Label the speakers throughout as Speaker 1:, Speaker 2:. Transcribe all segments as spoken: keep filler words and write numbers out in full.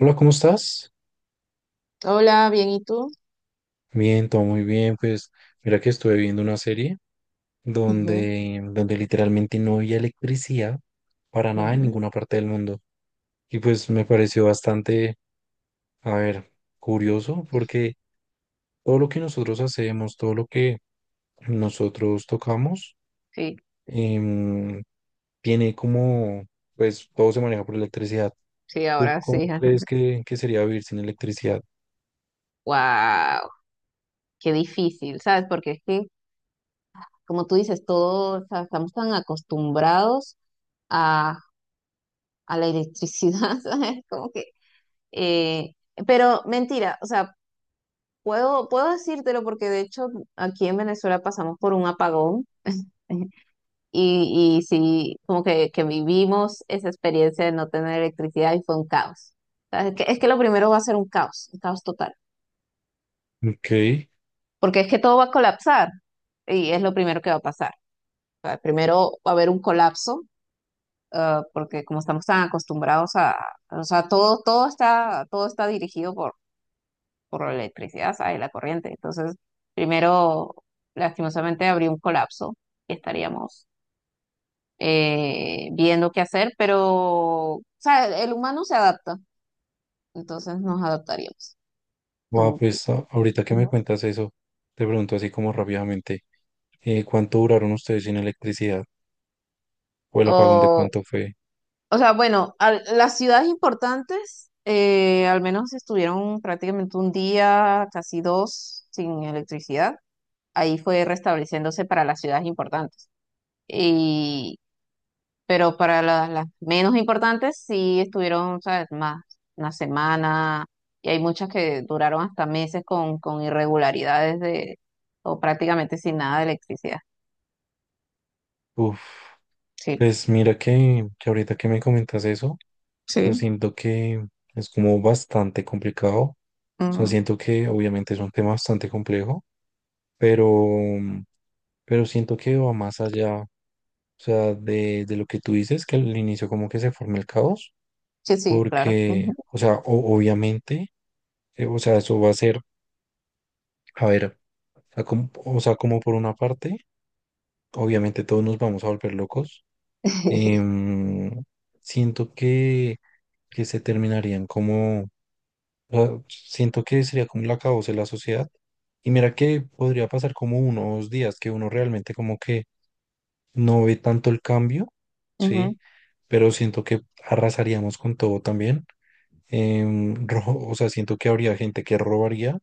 Speaker 1: Hola, ¿cómo estás?
Speaker 2: Hola, bien, ¿y tú?
Speaker 1: Bien, todo muy bien. Pues mira que estuve viendo una serie
Speaker 2: Ujú,
Speaker 1: donde, donde literalmente no había electricidad para nada en
Speaker 2: ujú.
Speaker 1: ninguna parte del mundo. Y pues me pareció bastante, a ver, curioso porque todo lo que nosotros hacemos, todo lo que nosotros tocamos,
Speaker 2: Sí,
Speaker 1: em, tiene como, pues todo se maneja por electricidad.
Speaker 2: sí,
Speaker 1: ¿Tú
Speaker 2: ahora
Speaker 1: cómo
Speaker 2: sí. ajá.
Speaker 1: crees que, que sería vivir sin electricidad?
Speaker 2: Wow, qué difícil, ¿sabes? Porque es que, como tú dices, todos, o sea, estamos tan acostumbrados a, a la electricidad, ¿sabes? Como que, eh, pero mentira, o sea, puedo, puedo decírtelo porque de hecho aquí en Venezuela pasamos por un apagón y, y sí, como que, que vivimos esa experiencia de no tener electricidad y fue un caos. O sea, es que, es que lo primero va a ser un caos, un caos total.
Speaker 1: Ok.
Speaker 2: Porque es que todo va a colapsar y es lo primero que va a pasar. O sea, primero va a haber un colapso, ah, porque como estamos tan acostumbrados a, o sea, todo, todo está, todo está dirigido por, por la electricidad, ¿sabes? La corriente. Entonces, primero, lastimosamente, habría un colapso y estaríamos eh, viendo qué hacer, pero, o sea, el humano se adapta, entonces nos adaptaríamos.
Speaker 1: Wow,
Speaker 2: Tú, tú.
Speaker 1: pues a- ahorita que me
Speaker 2: Ujú.
Speaker 1: cuentas eso, te pregunto así como rápidamente, eh, ¿cuánto duraron ustedes sin electricidad? ¿O el apagón de
Speaker 2: O
Speaker 1: cuánto fue?
Speaker 2: O sea, bueno, al- las ciudades importantes eh, al menos estuvieron prácticamente un día, casi dos, sin electricidad. Ahí fue restableciéndose para las ciudades importantes. Y, pero para la- las menos importantes sí estuvieron, ¿sabes? Más, una semana. Y hay muchas que duraron hasta meses con, con irregularidades de, o prácticamente sin nada de electricidad.
Speaker 1: Uf,
Speaker 2: Sí.
Speaker 1: pues mira que, que ahorita que me comentas eso, o sea,
Speaker 2: Sí.
Speaker 1: siento que es como bastante complicado. O sea,
Speaker 2: Mm,
Speaker 1: siento que obviamente es un tema bastante complejo, pero, pero siento que va más allá, o sea, de, de lo que tú dices, que al inicio como que se forma el caos,
Speaker 2: sí, sí, claro.
Speaker 1: porque,
Speaker 2: Ujú.
Speaker 1: o sea, o- obviamente, eh, o sea, eso va a ser. A ver, o sea, como, o sea, como por una parte, obviamente todos nos vamos a volver locos. Em, siento que, que se terminarían como, o sea, siento que sería como la acabose de la sociedad. Y mira que podría pasar como unos días que uno realmente como que no ve tanto el cambio,
Speaker 2: Ujú.
Speaker 1: ¿sí? Pero siento que arrasaríamos con todo también. Em, ro- o sea, siento que habría gente que robaría,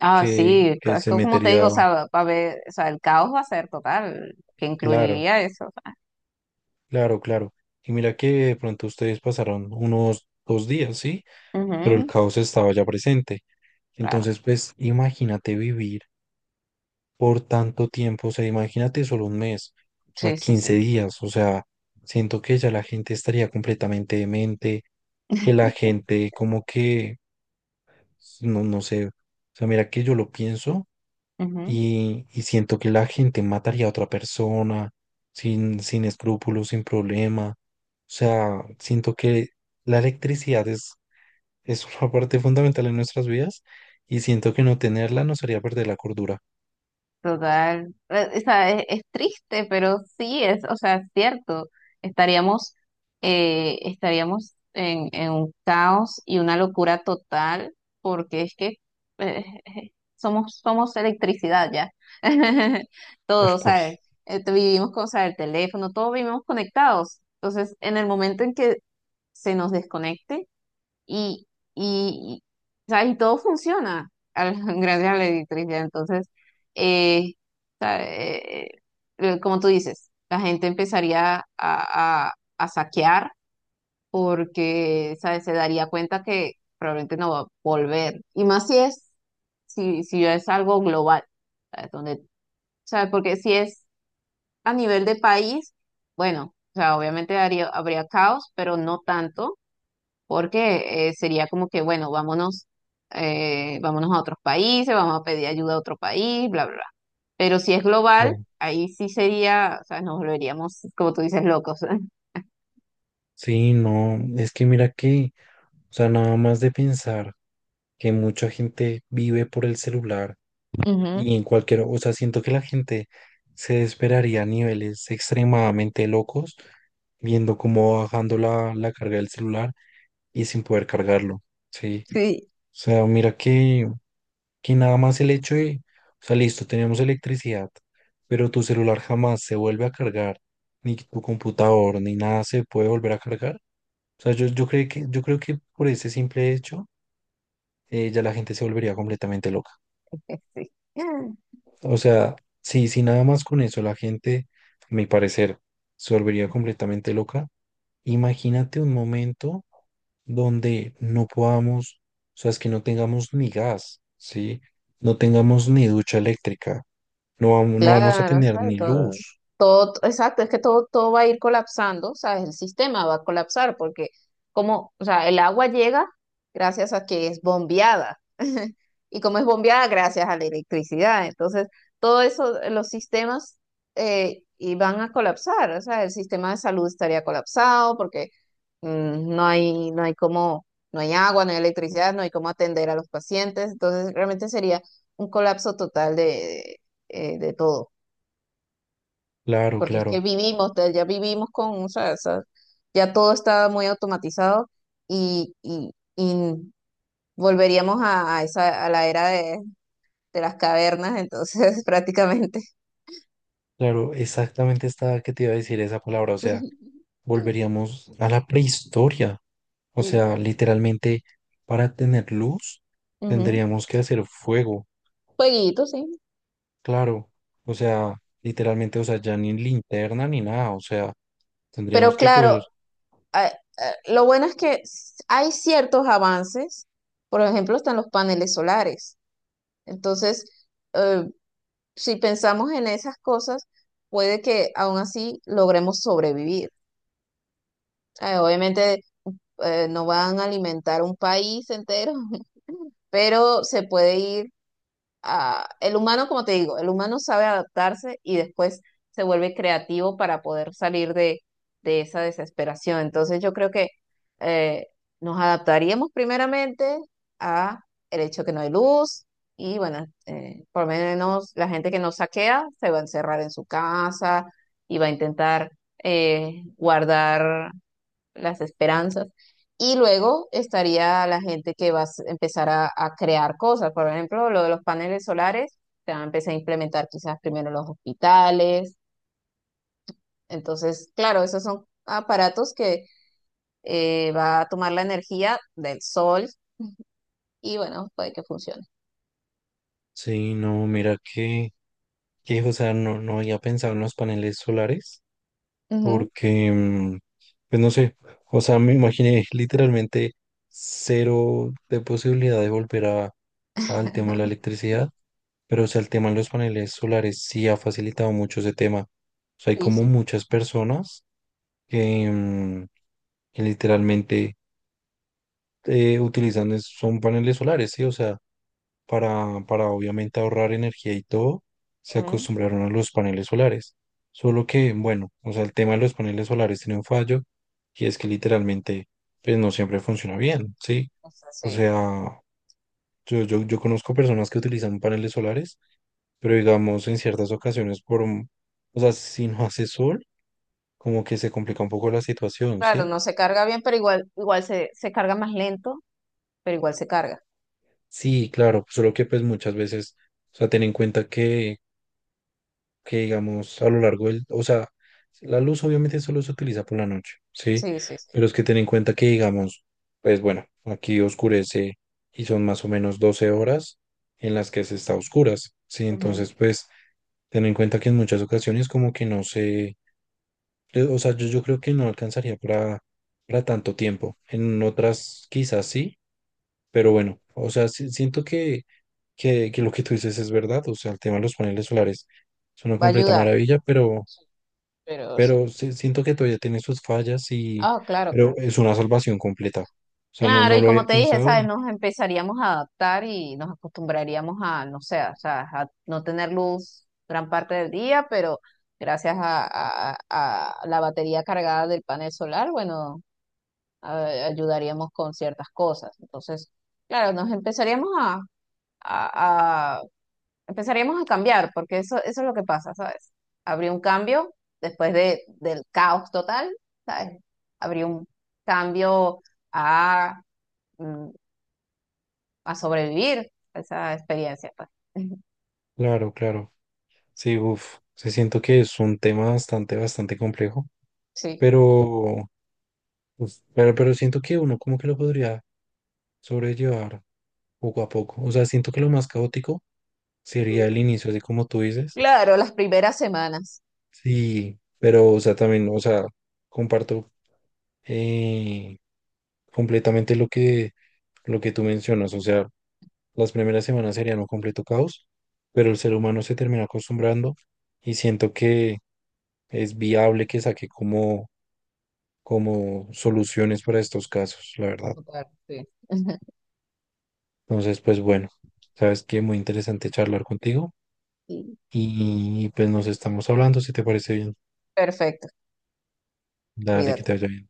Speaker 2: Ah,
Speaker 1: que,
Speaker 2: sí, co-
Speaker 1: que
Speaker 2: es
Speaker 1: se
Speaker 2: que como te digo,
Speaker 1: metería,
Speaker 2: o sea, va a haber, o sea, el caos va a ser total, que
Speaker 1: claro.
Speaker 2: incluiría eso.
Speaker 1: Claro, claro. Y mira que de pronto ustedes pasaron unos dos días, ¿sí? Pero el
Speaker 2: Ujú,
Speaker 1: caos estaba ya presente.
Speaker 2: claro,
Speaker 1: Entonces, pues imagínate vivir por tanto tiempo, o sea, imagínate solo un mes, o sea,
Speaker 2: sí, sí,
Speaker 1: quince
Speaker 2: sí.
Speaker 1: días, o sea, siento que ya la gente estaría completamente demente, que la gente como que, no, no sé, o sea, mira que yo lo pienso y, y siento que la gente mataría a otra persona sin, sin escrúpulos, sin problema. O sea, siento que la electricidad es, es una parte fundamental en nuestras vidas y siento que no tenerla nos haría perder la cordura.
Speaker 2: Total. Eh, o sea, es, es triste, pero sí es, o sea, es cierto. Estaríamos, eh, estaríamos en, en un caos y una locura total, porque es que eh, eh, somos, somos electricidad ya.
Speaker 1: Tal
Speaker 2: Todo,
Speaker 1: cual.
Speaker 2: ¿sabes? Eh, te- vivimos con, o sea, el teléfono, todos vivimos conectados. Entonces, en el momento en que se nos desconecte, y, y, y, ¿sabes? Y todo funciona al- gracias a la electricidad. Entonces, eh, ¿sabe? Eh, eh, como tú dices, la gente empezaría a, a- a saquear porque, ¿sabes? Se daría cuenta que probablemente no va a volver. Y más si es, si, si es algo global, ¿sabes? Donde, ¿sabes? Porque si es a nivel de país, bueno, o sea, obviamente haría- habría caos, pero no tanto porque eh, sería como que, bueno, vámonos, eh, vámonos a otros países, vamos a pedir ayuda a otro país, bla, bla, bla. Pero si es global,
Speaker 1: No.
Speaker 2: ahí sí sería, o sea, nos volveríamos, como tú dices, locos.
Speaker 1: Sí, no, es que mira que, o sea, nada más de pensar que mucha gente vive por el celular.
Speaker 2: Ujú.
Speaker 1: Y en cualquier, o sea, siento que la gente se desesperaría a niveles extremadamente locos viendo cómo va bajando la, la carga del celular y sin poder cargarlo, ¿sí?
Speaker 2: Sí,
Speaker 1: O sea, mira que, que nada más el hecho de, o sea, listo, tenemos electricidad, pero tu celular jamás se vuelve a cargar, ni tu computador, ni nada se puede volver a cargar. O sea, yo, yo creo que, yo creo que por ese simple hecho, eh, ya la gente se volvería completamente loca.
Speaker 2: sí.
Speaker 1: O sea, si, si nada más con eso la gente, a mi parecer, se volvería completamente loca, imagínate un momento donde no podamos, o sea, es que no tengamos ni gas, ¿sí? No tengamos ni ducha eléctrica, no vamos, no vamos a
Speaker 2: Claro,
Speaker 1: tener
Speaker 2: ¿sabes?
Speaker 1: ni
Speaker 2: Todo,
Speaker 1: luz.
Speaker 2: todo, exacto, es que todo, todo va a ir colapsando, ¿sabes? El sistema va a colapsar porque como, o sea, el agua llega gracias a que es bombeada y como es bombeada gracias a la electricidad, entonces todo eso, eh, los sistemas eh, y van a colapsar, o sea, el sistema de salud estaría colapsado porque mm, no hay, no hay cómo, no hay agua, no hay electricidad, no hay cómo atender a los pacientes, entonces realmente sería un colapso total eh, de todo,
Speaker 1: Claro,
Speaker 2: porque es
Speaker 1: claro,
Speaker 2: que vivimos, de- ya vivimos con, o sea, esa- ya todo está muy automatizado y, y, y volveríamos a, a esa, a la era de, de las cavernas, entonces prácticamente.
Speaker 1: claro, exactamente estaba que te iba a decir esa palabra, o sea,
Speaker 2: Sí.
Speaker 1: volveríamos a la prehistoria, o
Speaker 2: Sí.
Speaker 1: sea, literalmente para tener luz
Speaker 2: Ujú.
Speaker 1: tendríamos que hacer fuego.
Speaker 2: Jueguito, sí.
Speaker 1: Claro, o sea, literalmente, o sea, ya ni linterna ni nada, o sea, tendríamos
Speaker 2: Pero
Speaker 1: que
Speaker 2: claro,
Speaker 1: coger.
Speaker 2: a- a- lo bueno es que s- hay ciertos avances, por ejemplo, están los paneles solares. Entonces, eh, si pensamos en esas cosas, puede que aún así logremos sobrevivir. Eh, obviamente eh, no van a alimentar un país entero, pero se puede ir ah, el humano, como te digo, el humano sabe adaptarse y después se vuelve creativo para poder salir de, de esa desesperación. Entonces yo creo que eh, nos adaptaríamos primeramente a el hecho que no hay luz y bueno, eh, por lo menos la gente que nos saquea se va a encerrar en su casa y va a intentar eh, guardar las esperanzas. Y luego estaría la gente que va a s- empezar a, a crear cosas. Por ejemplo, lo de los paneles solares, se van a empezar a implementar quizás primero en los hospitales. Entonces, claro, esos son aparatos que eh, va a tomar la energía del sol y bueno, puede que funcione.
Speaker 1: Sí, no, mira que, que, o sea, no, no había pensado en los paneles solares,
Speaker 2: Ujú,
Speaker 1: porque, mm, pues no sé, o sea, me imaginé literalmente cero de posibilidad de volver a, al tema de la electricidad, pero, o sea, el tema de los paneles solares sí ha facilitado mucho ese tema. O sea, hay
Speaker 2: sí,
Speaker 1: como
Speaker 2: sí.
Speaker 1: muchas personas que, mm, que literalmente eh, utilizan es- son paneles solares, ¿sí? O sea, para, para obviamente ahorrar energía y todo, se
Speaker 2: Ujú.
Speaker 1: acostumbraron a los paneles solares. Solo que, bueno, o sea, el tema de los paneles solares tiene un fallo y es que literalmente, pues no siempre funciona bien, ¿sí?
Speaker 2: O sea,
Speaker 1: O
Speaker 2: sí.
Speaker 1: sea, yo, yo, yo conozco personas que utilizan paneles solares, pero digamos en ciertas ocasiones por, un- o sea, si no hace sol, como que se complica un poco la situación,
Speaker 2: Claro,
Speaker 1: ¿sí?
Speaker 2: no se carga bien, pero igual, igual se, se carga más lento, pero igual se carga.
Speaker 1: Sí, claro, solo que pues muchas veces, o sea, ten en cuenta que que digamos a lo largo del, o sea, la luz obviamente solo se utiliza por la noche, ¿sí?
Speaker 2: Sí, sí, sí.
Speaker 1: Pero es que ten en cuenta que digamos, pues bueno, aquí oscurece y son más o menos doce horas en las que se está a oscuras, ¿sí?
Speaker 2: Ujú.
Speaker 1: Entonces, pues ten en cuenta que en muchas ocasiones como que no se, eh, o sea, yo, yo creo que no alcanzaría para, para tanto tiempo, en otras quizás sí, pero bueno, o sea, si- siento que, que, que lo que tú dices es verdad, o sea, el tema de los paneles solares es una
Speaker 2: Va a
Speaker 1: completa
Speaker 2: ayudar,
Speaker 1: maravilla, pero
Speaker 2: pero sí.
Speaker 1: pero sí- siento que todavía tiene sus fallas y,
Speaker 2: Ah, claro,
Speaker 1: pero
Speaker 2: claro.
Speaker 1: es una salvación completa. O sea, no,
Speaker 2: Claro,
Speaker 1: no
Speaker 2: y
Speaker 1: lo
Speaker 2: como
Speaker 1: había
Speaker 2: te dije,
Speaker 1: pensado
Speaker 2: ¿sabes?
Speaker 1: y
Speaker 2: Nos empezaríamos a adaptar y nos acostumbraríamos a, no sé, o sea, a no tener luz gran parte del día, pero gracias a, a- a la batería cargada del panel solar, bueno, a- ayudaríamos con ciertas cosas. Entonces, claro, nos empezaríamos a, a- a- empezaríamos a cambiar, porque eso, eso es lo que pasa, ¿sabes? Habría un cambio después de, del caos total, ¿sabes? Habría un cambio a... mm, a sobrevivir a esa experiencia, pues.
Speaker 1: claro, claro. Sí, uff, sí siento que es un tema bastante, bastante complejo,
Speaker 2: Sí.
Speaker 1: pero, pues, pero, pero siento que uno como que lo podría sobrellevar poco a poco. O sea, siento que lo más caótico sería el inicio, así como tú dices.
Speaker 2: Claro, las primeras semanas.
Speaker 1: Sí, pero, o sea, también, o sea, comparto eh, completamente lo que, lo que tú mencionas. O sea, las primeras semanas serían un completo caos, pero el ser humano se termina acostumbrando y siento que es viable que saque como, como soluciones para estos casos, la verdad.
Speaker 2: Total, sí.
Speaker 1: Entonces, pues bueno, sabes que muy interesante charlar contigo
Speaker 2: Sí.
Speaker 1: y pues nos estamos hablando, si te parece bien.
Speaker 2: Perfecto,
Speaker 1: Dale, que te
Speaker 2: cuídate.
Speaker 1: vaya bien.